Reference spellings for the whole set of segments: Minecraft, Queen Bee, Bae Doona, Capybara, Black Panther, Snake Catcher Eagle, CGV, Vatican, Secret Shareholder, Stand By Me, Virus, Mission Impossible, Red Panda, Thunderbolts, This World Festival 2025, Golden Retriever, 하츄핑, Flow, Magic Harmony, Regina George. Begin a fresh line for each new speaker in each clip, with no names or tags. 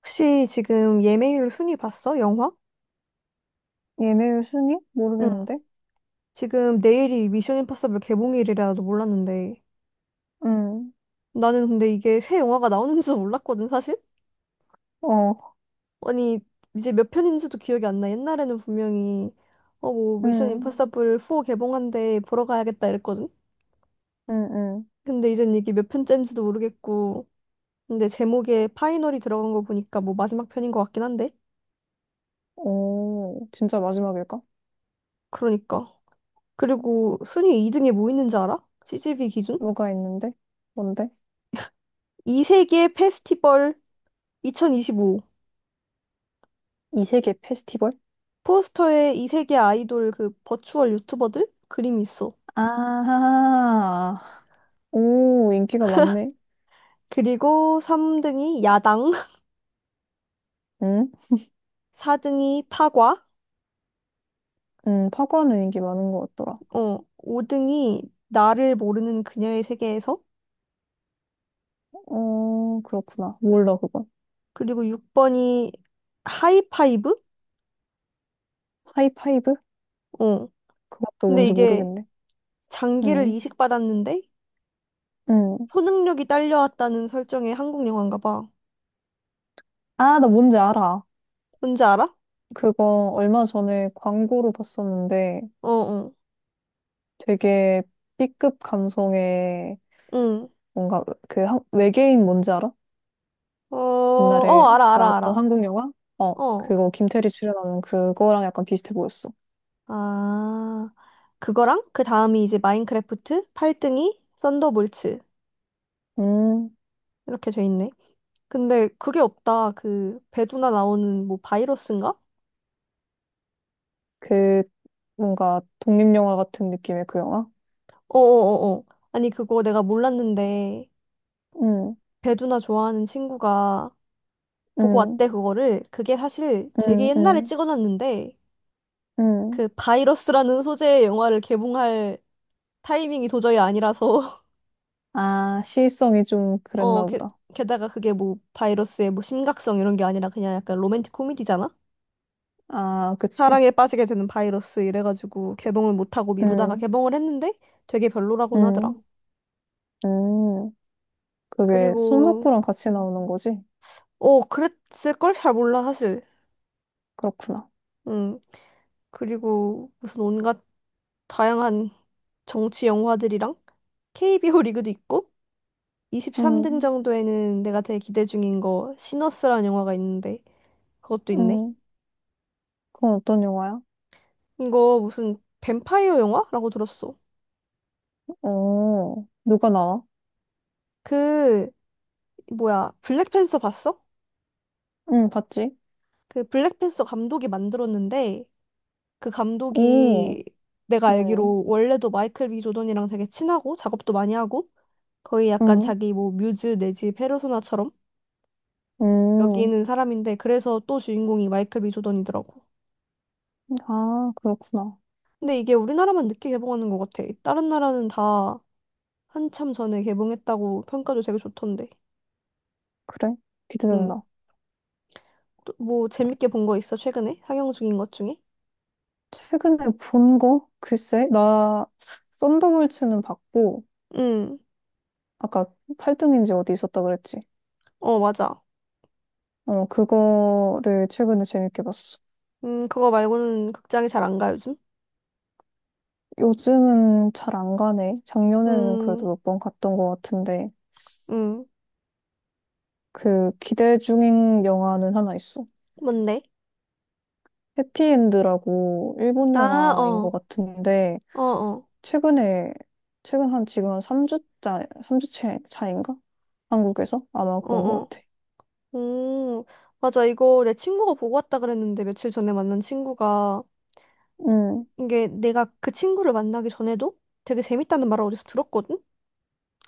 혹시 지금 예매율 순위 봤어? 영화?
예매율 순위?
응.
모르겠는데?
지금 내일이 미션 임파서블 개봉일이라도 몰랐는데.
응.
나는 근데 이게 새 영화가 나오는지도 몰랐거든, 사실?
어,
아니, 이제 몇 편인지도 기억이 안 나. 옛날에는 분명히 뭐 미션
응.
임파서블 4 개봉한데 보러 가야겠다 이랬거든?
응응.
근데 이젠 이게 몇 편째인지도 모르겠고. 근데 제목에 파이널이 들어간 거 보니까 뭐 마지막 편인 것 같긴 한데.
오, 진짜 마지막일까?
그러니까. 그리고 순위 2등에 뭐 있는지 알아? CGV 기준?
뭐가 있는데? 뭔데?
이 세계 페스티벌 2025.
이세계 페스티벌?
포스터에 이 세계 아이돌 그 버추얼 유튜버들 그림이 있어.
아, 오, 인기가 많네.
그리고 3등이 야당,
응?
4등이 파과,
응, 파고하는 인기 많은 것 같더라.
5등이 나를 모르는 그녀의 세계에서,
어, 그렇구나. 몰라, 그건.
그리고 6번이 하이파이브?
하이파이브?
어.
그것도
근데
뭔지
이게
모르겠네.
장기를
응,
이식받았는데
응.
초능력이 딸려왔다는 설정의 한국 영화인가 봐.
아, 나 뭔지 알아.
뭔지 알아?
그거 얼마 전에 광고로 봤었는데
어, 어,
되게 B급 감성의
응.
뭔가 그 한- 외계인 뭔지 알아?
어, 어,
옛날에
알아, 알아,
나왔던
알아.
한국 영화? 어,
어.
그거 김태리 출연하는 그거랑 약간 비슷해 보였어.
아. 그거랑 그 다음이 이제 마인크래프트, 8등이, 썬더볼츠,
음,
이렇게 돼 있네. 근데 그게 없다. 그 배두나 나오는 뭐 바이러스인가?
그 뭔가 독립영화 같은 느낌의 그 영화?
어어어어. 아니 그거 내가 몰랐는데
음,
배두나 좋아하는 친구가 보고
음,
왔대 그거를. 그게 사실 되게
음,
옛날에
음,
찍어놨는데
음.
그 바이러스라는 소재의 영화를 개봉할 타이밍이 도저히 아니라서
아, 시의성이 좀
어
그랬나
게,
보다.
게다가 그게 뭐 바이러스의 뭐 심각성 이런 게 아니라 그냥 약간 로맨틱 코미디잖아.
아, 그치.
사랑에 빠지게 되는 바이러스 이래가지고 개봉을 못하고 미루다가
음,
개봉을 했는데 되게 별로라고는 하더라.
음, 음. 그게
그리고
손석구랑 같이 나오는 거지?
그랬을걸? 잘 몰라 사실.
그렇구나.
음 그리고 무슨 온갖 다양한 정치 영화들이랑 KBO 리그도 있고 23등
음,
정도에는 내가 되게 기대 중인 거 시너스라는 영화가 있는데 그것도 있네.
음. 그건 어떤 영화야?
이거 무슨 뱀파이어 영화라고 들었어.
어, 누가 나와?
그, 뭐야, 블랙팬서 봤어?
응, 봤지?
그 블랙팬서 감독이 만들었는데 그
오.
감독이 내가
음,
알기로 원래도 마이클 B 조던이랑 되게 친하고 작업도 많이 하고 거의 약간
음,
자기 뭐 뮤즈 내지 페르소나처럼
음.
여기는 사람인데, 그래서 또 주인공이 마이클 B 조던이더라고.
아, 그렇구나.
근데 이게 우리나라만 늦게 개봉하는 것 같아. 다른 나라는 다 한참 전에 개봉했다고, 평가도 되게 좋던데.
그래.
응.
기대된다.
또뭐 재밌게 본 거 있어, 최근에 상영 중인 것 중에?
최근에 본 거? 글쎄, 나 썬더볼츠는 봤고,
응.
아까 팔등인지 어디 있었다 그랬지.
어, 맞아.
어, 그거를 최근에 재밌게 봤어.
그거 말고는 극장에 잘 안 가 요즘.
요즘은 잘 안 가네. 작년에는 그래도
음.
몇 번 갔던 것 같은데,
음.
그 기대 중인 영화는 하나 있어.
뭔데?
해피엔드라고 일본
아,
영화인 것
어.
같은데,
어, 어,
최근에, 최근 한 지금 한 3주째, 삼 주째 차인가? 한국에서? 아마 그런 것
어어.
같아.
오, 맞아. 이거 내 친구가 보고 왔다 그랬는데, 며칠 전에 만난 친구가,
응,
이게 내가 그 친구를 만나기 전에도 되게 재밌다는 말을 어디서 들었거든?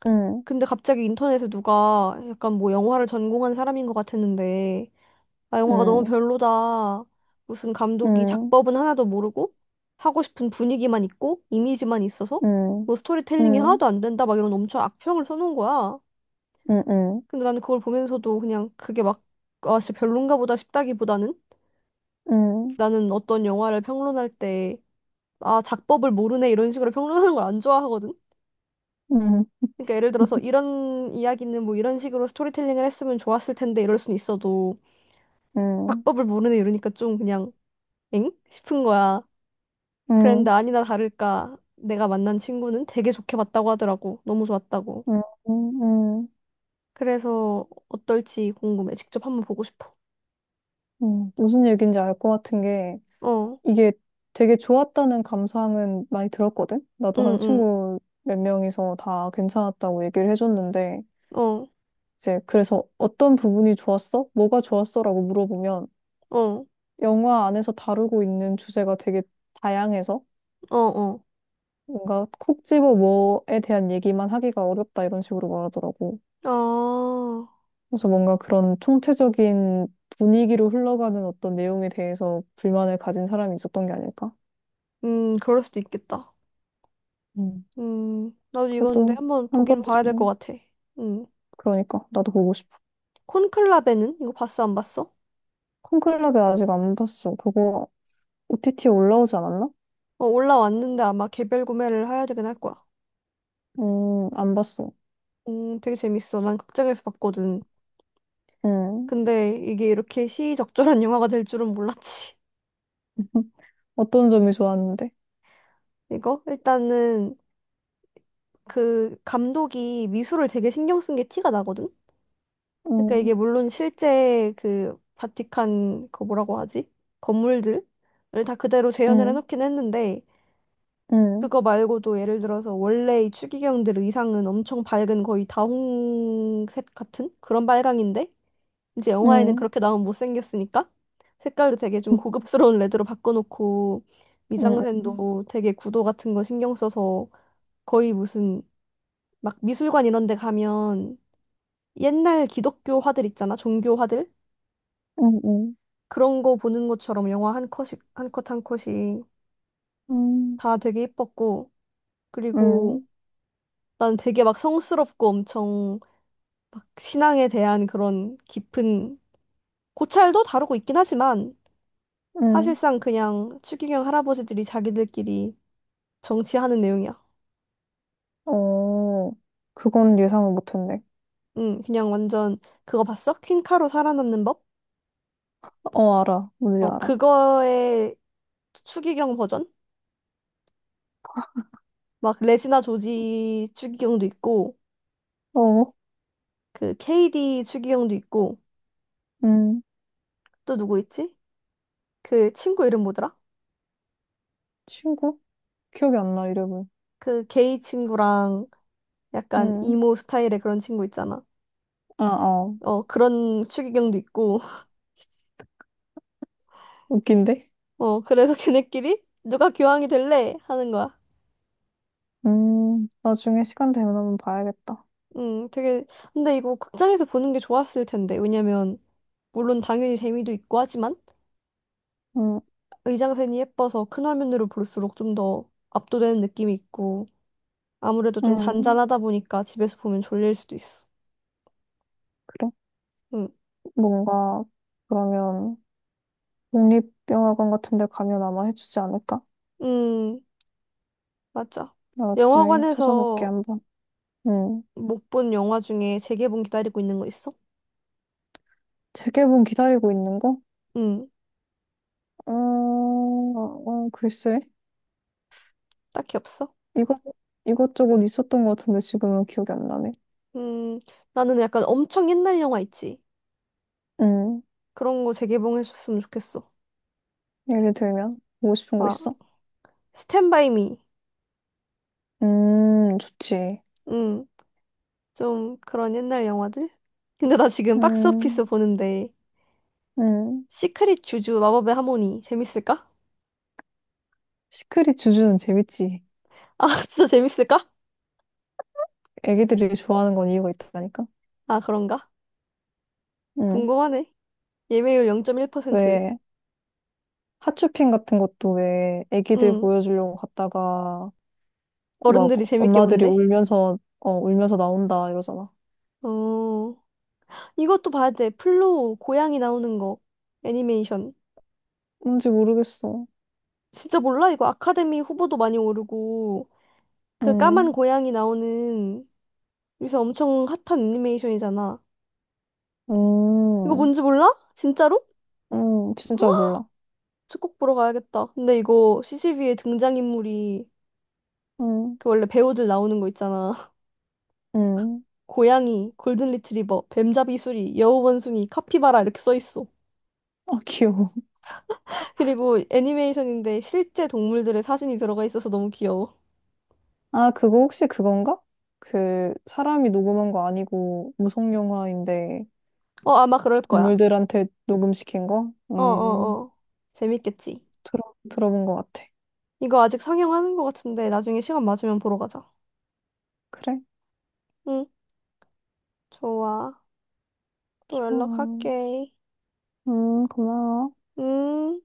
응,
근데 갑자기 인터넷에 누가, 약간 뭐 영화를 전공한 사람인 것 같았는데, 아, 영화가 너무
응,
별로다, 무슨 감독이
응,
작법은 하나도 모르고 하고 싶은 분위기만 있고 이미지만 있어서
응,
뭐 스토리텔링이
응,
하나도 안 된다, 막 이런 엄청 악평을 써놓은 거야.
응, 응,
근데 나는 그걸 보면서도 그냥 그게 막, 아, 진짜 별론가 보다 싶다기보다는,
응,
나는 어떤 영화를 평론할 때, 아, 작법을 모르네, 이런 식으로 평론하는 걸 안 좋아하거든?
응,
그러니까 예를 들어서 이런 이야기는 뭐 이런 식으로 스토리텔링을 했으면 좋았을 텐데 이럴 순 있어도,
응,
작법을 모르네 이러니까 좀 그냥 엥? 싶은 거야. 그랬는데
응,
아니나 다를까 내가 만난 친구는 되게 좋게 봤다고 하더라고. 너무 좋았다고.
응, 응.
그래서 어떨지 궁금해. 직접 한번 보고 싶어.
응. 무슨 얘기인지 알 것 같은 게
어,
이게 되게 좋았다는 감상은 많이 들었거든? 나도 한
응, 응,
친구 몇 명이서 다 괜찮았다고 얘기를 해줬는데
어,
이제 그래서 어떤 부분이 좋았어? 뭐가 좋았어? 라고 물어보면
어,
영화 안에서 다루고 있는 주제가 되게 다양해서
어, 어.
뭔가 콕 집어 뭐에 대한 얘기만 하기가 어렵다 이런 식으로 말하더라고.
아,
그래서 뭔가 그런 총체적인 분위기로 흘러가는 어떤 내용에 대해서 불만을 가진 사람이 있었던 게 아닐까?
그럴 수도 있겠다.
음.
나도 이거 근데
그래도
한번
한
보긴 봐야 될 것
번쯤
같아. 음,
그러니까 나도 보고 싶어.
콘클라베는? 이거 봤어, 안 봤어?
콘클럽에 아직 안 봤어. 그거 OTT 에 올라오지 않았나?
어, 올라왔는데 아마 개별 구매를 해야 되긴 할 거야.
안 봤어.
되게 재밌어. 난 극장에서 봤거든.
음.
근데 이게 이렇게 시의적절한 영화가 될 줄은 몰랐지.
어떤 점이 좋았는데?
이거? 일단은 그 감독이 미술을 되게 신경 쓴 게 티가 나거든? 그러니까
음,
이게 물론 실제 그 바티칸, 그 뭐라고 하지, 건물들? 을 다 그대로 재현을
음,
해놓긴 했는데,
음,
그거 말고도 예를 들어서 원래 이 추기경들 의상은 엄청 밝은 거의 다홍색 같은 그런 빨강인데 이제 영화에는
음,
그렇게 나오면 못생겼으니까 색깔도 되게 좀
음,
고급스러운 레드로 바꿔놓고,
음,
미장센도 되게 구도 같은 거 신경 써서 거의 무슨 막 미술관 이런 데 가면 옛날 기독교 화들 있잖아, 종교 화들, 그런 거 보는 것처럼 영화 한 컷이 한 컷 한 컷이
음,
다 되게 예뻤고, 그리고
음,
난 되게 막 성스럽고 엄청 막 신앙에 대한 그런 깊은 고찰도 다루고 있긴 하지만,
음.
사실상 그냥 추기경 할아버지들이 자기들끼리 정치하는 내용이야.
어, 그건 예상을 못했네.
응, 그냥 완전, 그거 봤어? 퀸카로 살아남는 법?
어, 알아. 뭔지
어,
알아.
그거의 추기경 버전? 막 레지나 조지 추기경도 있고
어,
그 KD 추기경도 있고,
음,
또 누구 있지? 그 친구 이름 뭐더라?
친구? 기억이 안 나, 이름은.
그 게이 친구랑 약간
음,
이모 스타일의 그런 친구 있잖아,
아, 어.
어, 그런 추기경도 있고.
웃긴데?
어, 그래서 걔네끼리 누가 교황이 될래 하는 거야.
음, 나중에 시간 되면 한번 봐야겠다.
되게, 근데 이거 극장에서 보는 게 좋았을 텐데. 왜냐면 물론 당연히 재미도 있고 하지만
음,
의장센이 예뻐서 큰 화면으로 볼수록 좀 더 압도되는 느낌이 있고, 아무래도 좀
음,
잔잔하다 보니까 집에서 보면 졸릴 수도 있어.
그래.
음.
뭔가, 그러면, 국립영화관 같은 데 가면 아마 해주지 않을까?
음, 맞아.
나 나중에 찾아볼게,
영화관에서
한번. 음,
못 본 영화 중에 재개봉 기다리고 있는 거 있어?
재개봉 기다리고 있는 거?
음,
어, 어, 글쎄.
딱히 없어?
이것, 이것저것 있었던 것 같은데 지금은 기억이 안 나네.
음, 나는 약간 엄청 옛날 영화 있지.
음,
그런 거 재개봉해줬으면 좋겠어.
예를 들면, 보고 싶은 거
막
있어?
스탠바이 미.
좋지.
음. 좀 그런 옛날 영화들? 근데 나 지금 박스 오피스
음,
보는데,
음.
시크릿 주주 마법의 하모니 재밌을까?
시크릿 주주는 재밌지.
아, 진짜 재밌을까?
애기들이 좋아하는 건 이유가 있다니까?
아, 그런가?
음,
궁금하네. 예매율 0.1%.
왜, 하츄핑 같은 것도 왜 애기들
음.
보여주려고 갔다가 막
어른들이 재밌게
엄마들이
본대.
울면서, 어, 울면서 나온다 이러잖아.
어. 이것도 봐야 돼. 플로우, 고양이 나오는 거. 애니메이션.
뭔지 모르겠어.
진짜 몰라? 이거 아카데미 후보도 많이 오르고, 그 까만
음.
고양이 나오는 요새 엄청 핫한 애니메이션이잖아. 이거
음,
뭔지 몰라? 진짜로?
진짜 몰라.
저꼭 보러 가야겠다. 근데 이거 CCV의 등장인물이
음,
그 원래 배우들 나오는 거 있잖아.
음.
고양이, 골든 리트리버, 뱀잡이 수리, 여우 원숭이, 카피바라, 이렇게 써 있어.
아, 귀여워.
그리고 애니메이션인데 실제 동물들의 사진이 들어가 있어서 너무 귀여워.
아, 그거 혹시 그건가? 그, 사람이 녹음한 거 아니고, 무성 영화인데,
어, 아마 그럴 거야.
동물들한테 녹음시킨 거?
어, 어, 어. 재밌겠지.
들어본 것 같아.
이거 아직 상영하는 거 같은데 나중에 시간 맞으면 보러 가자.
그래?
응, 좋아. 또
좋아.
연락할게.
고마워.
음.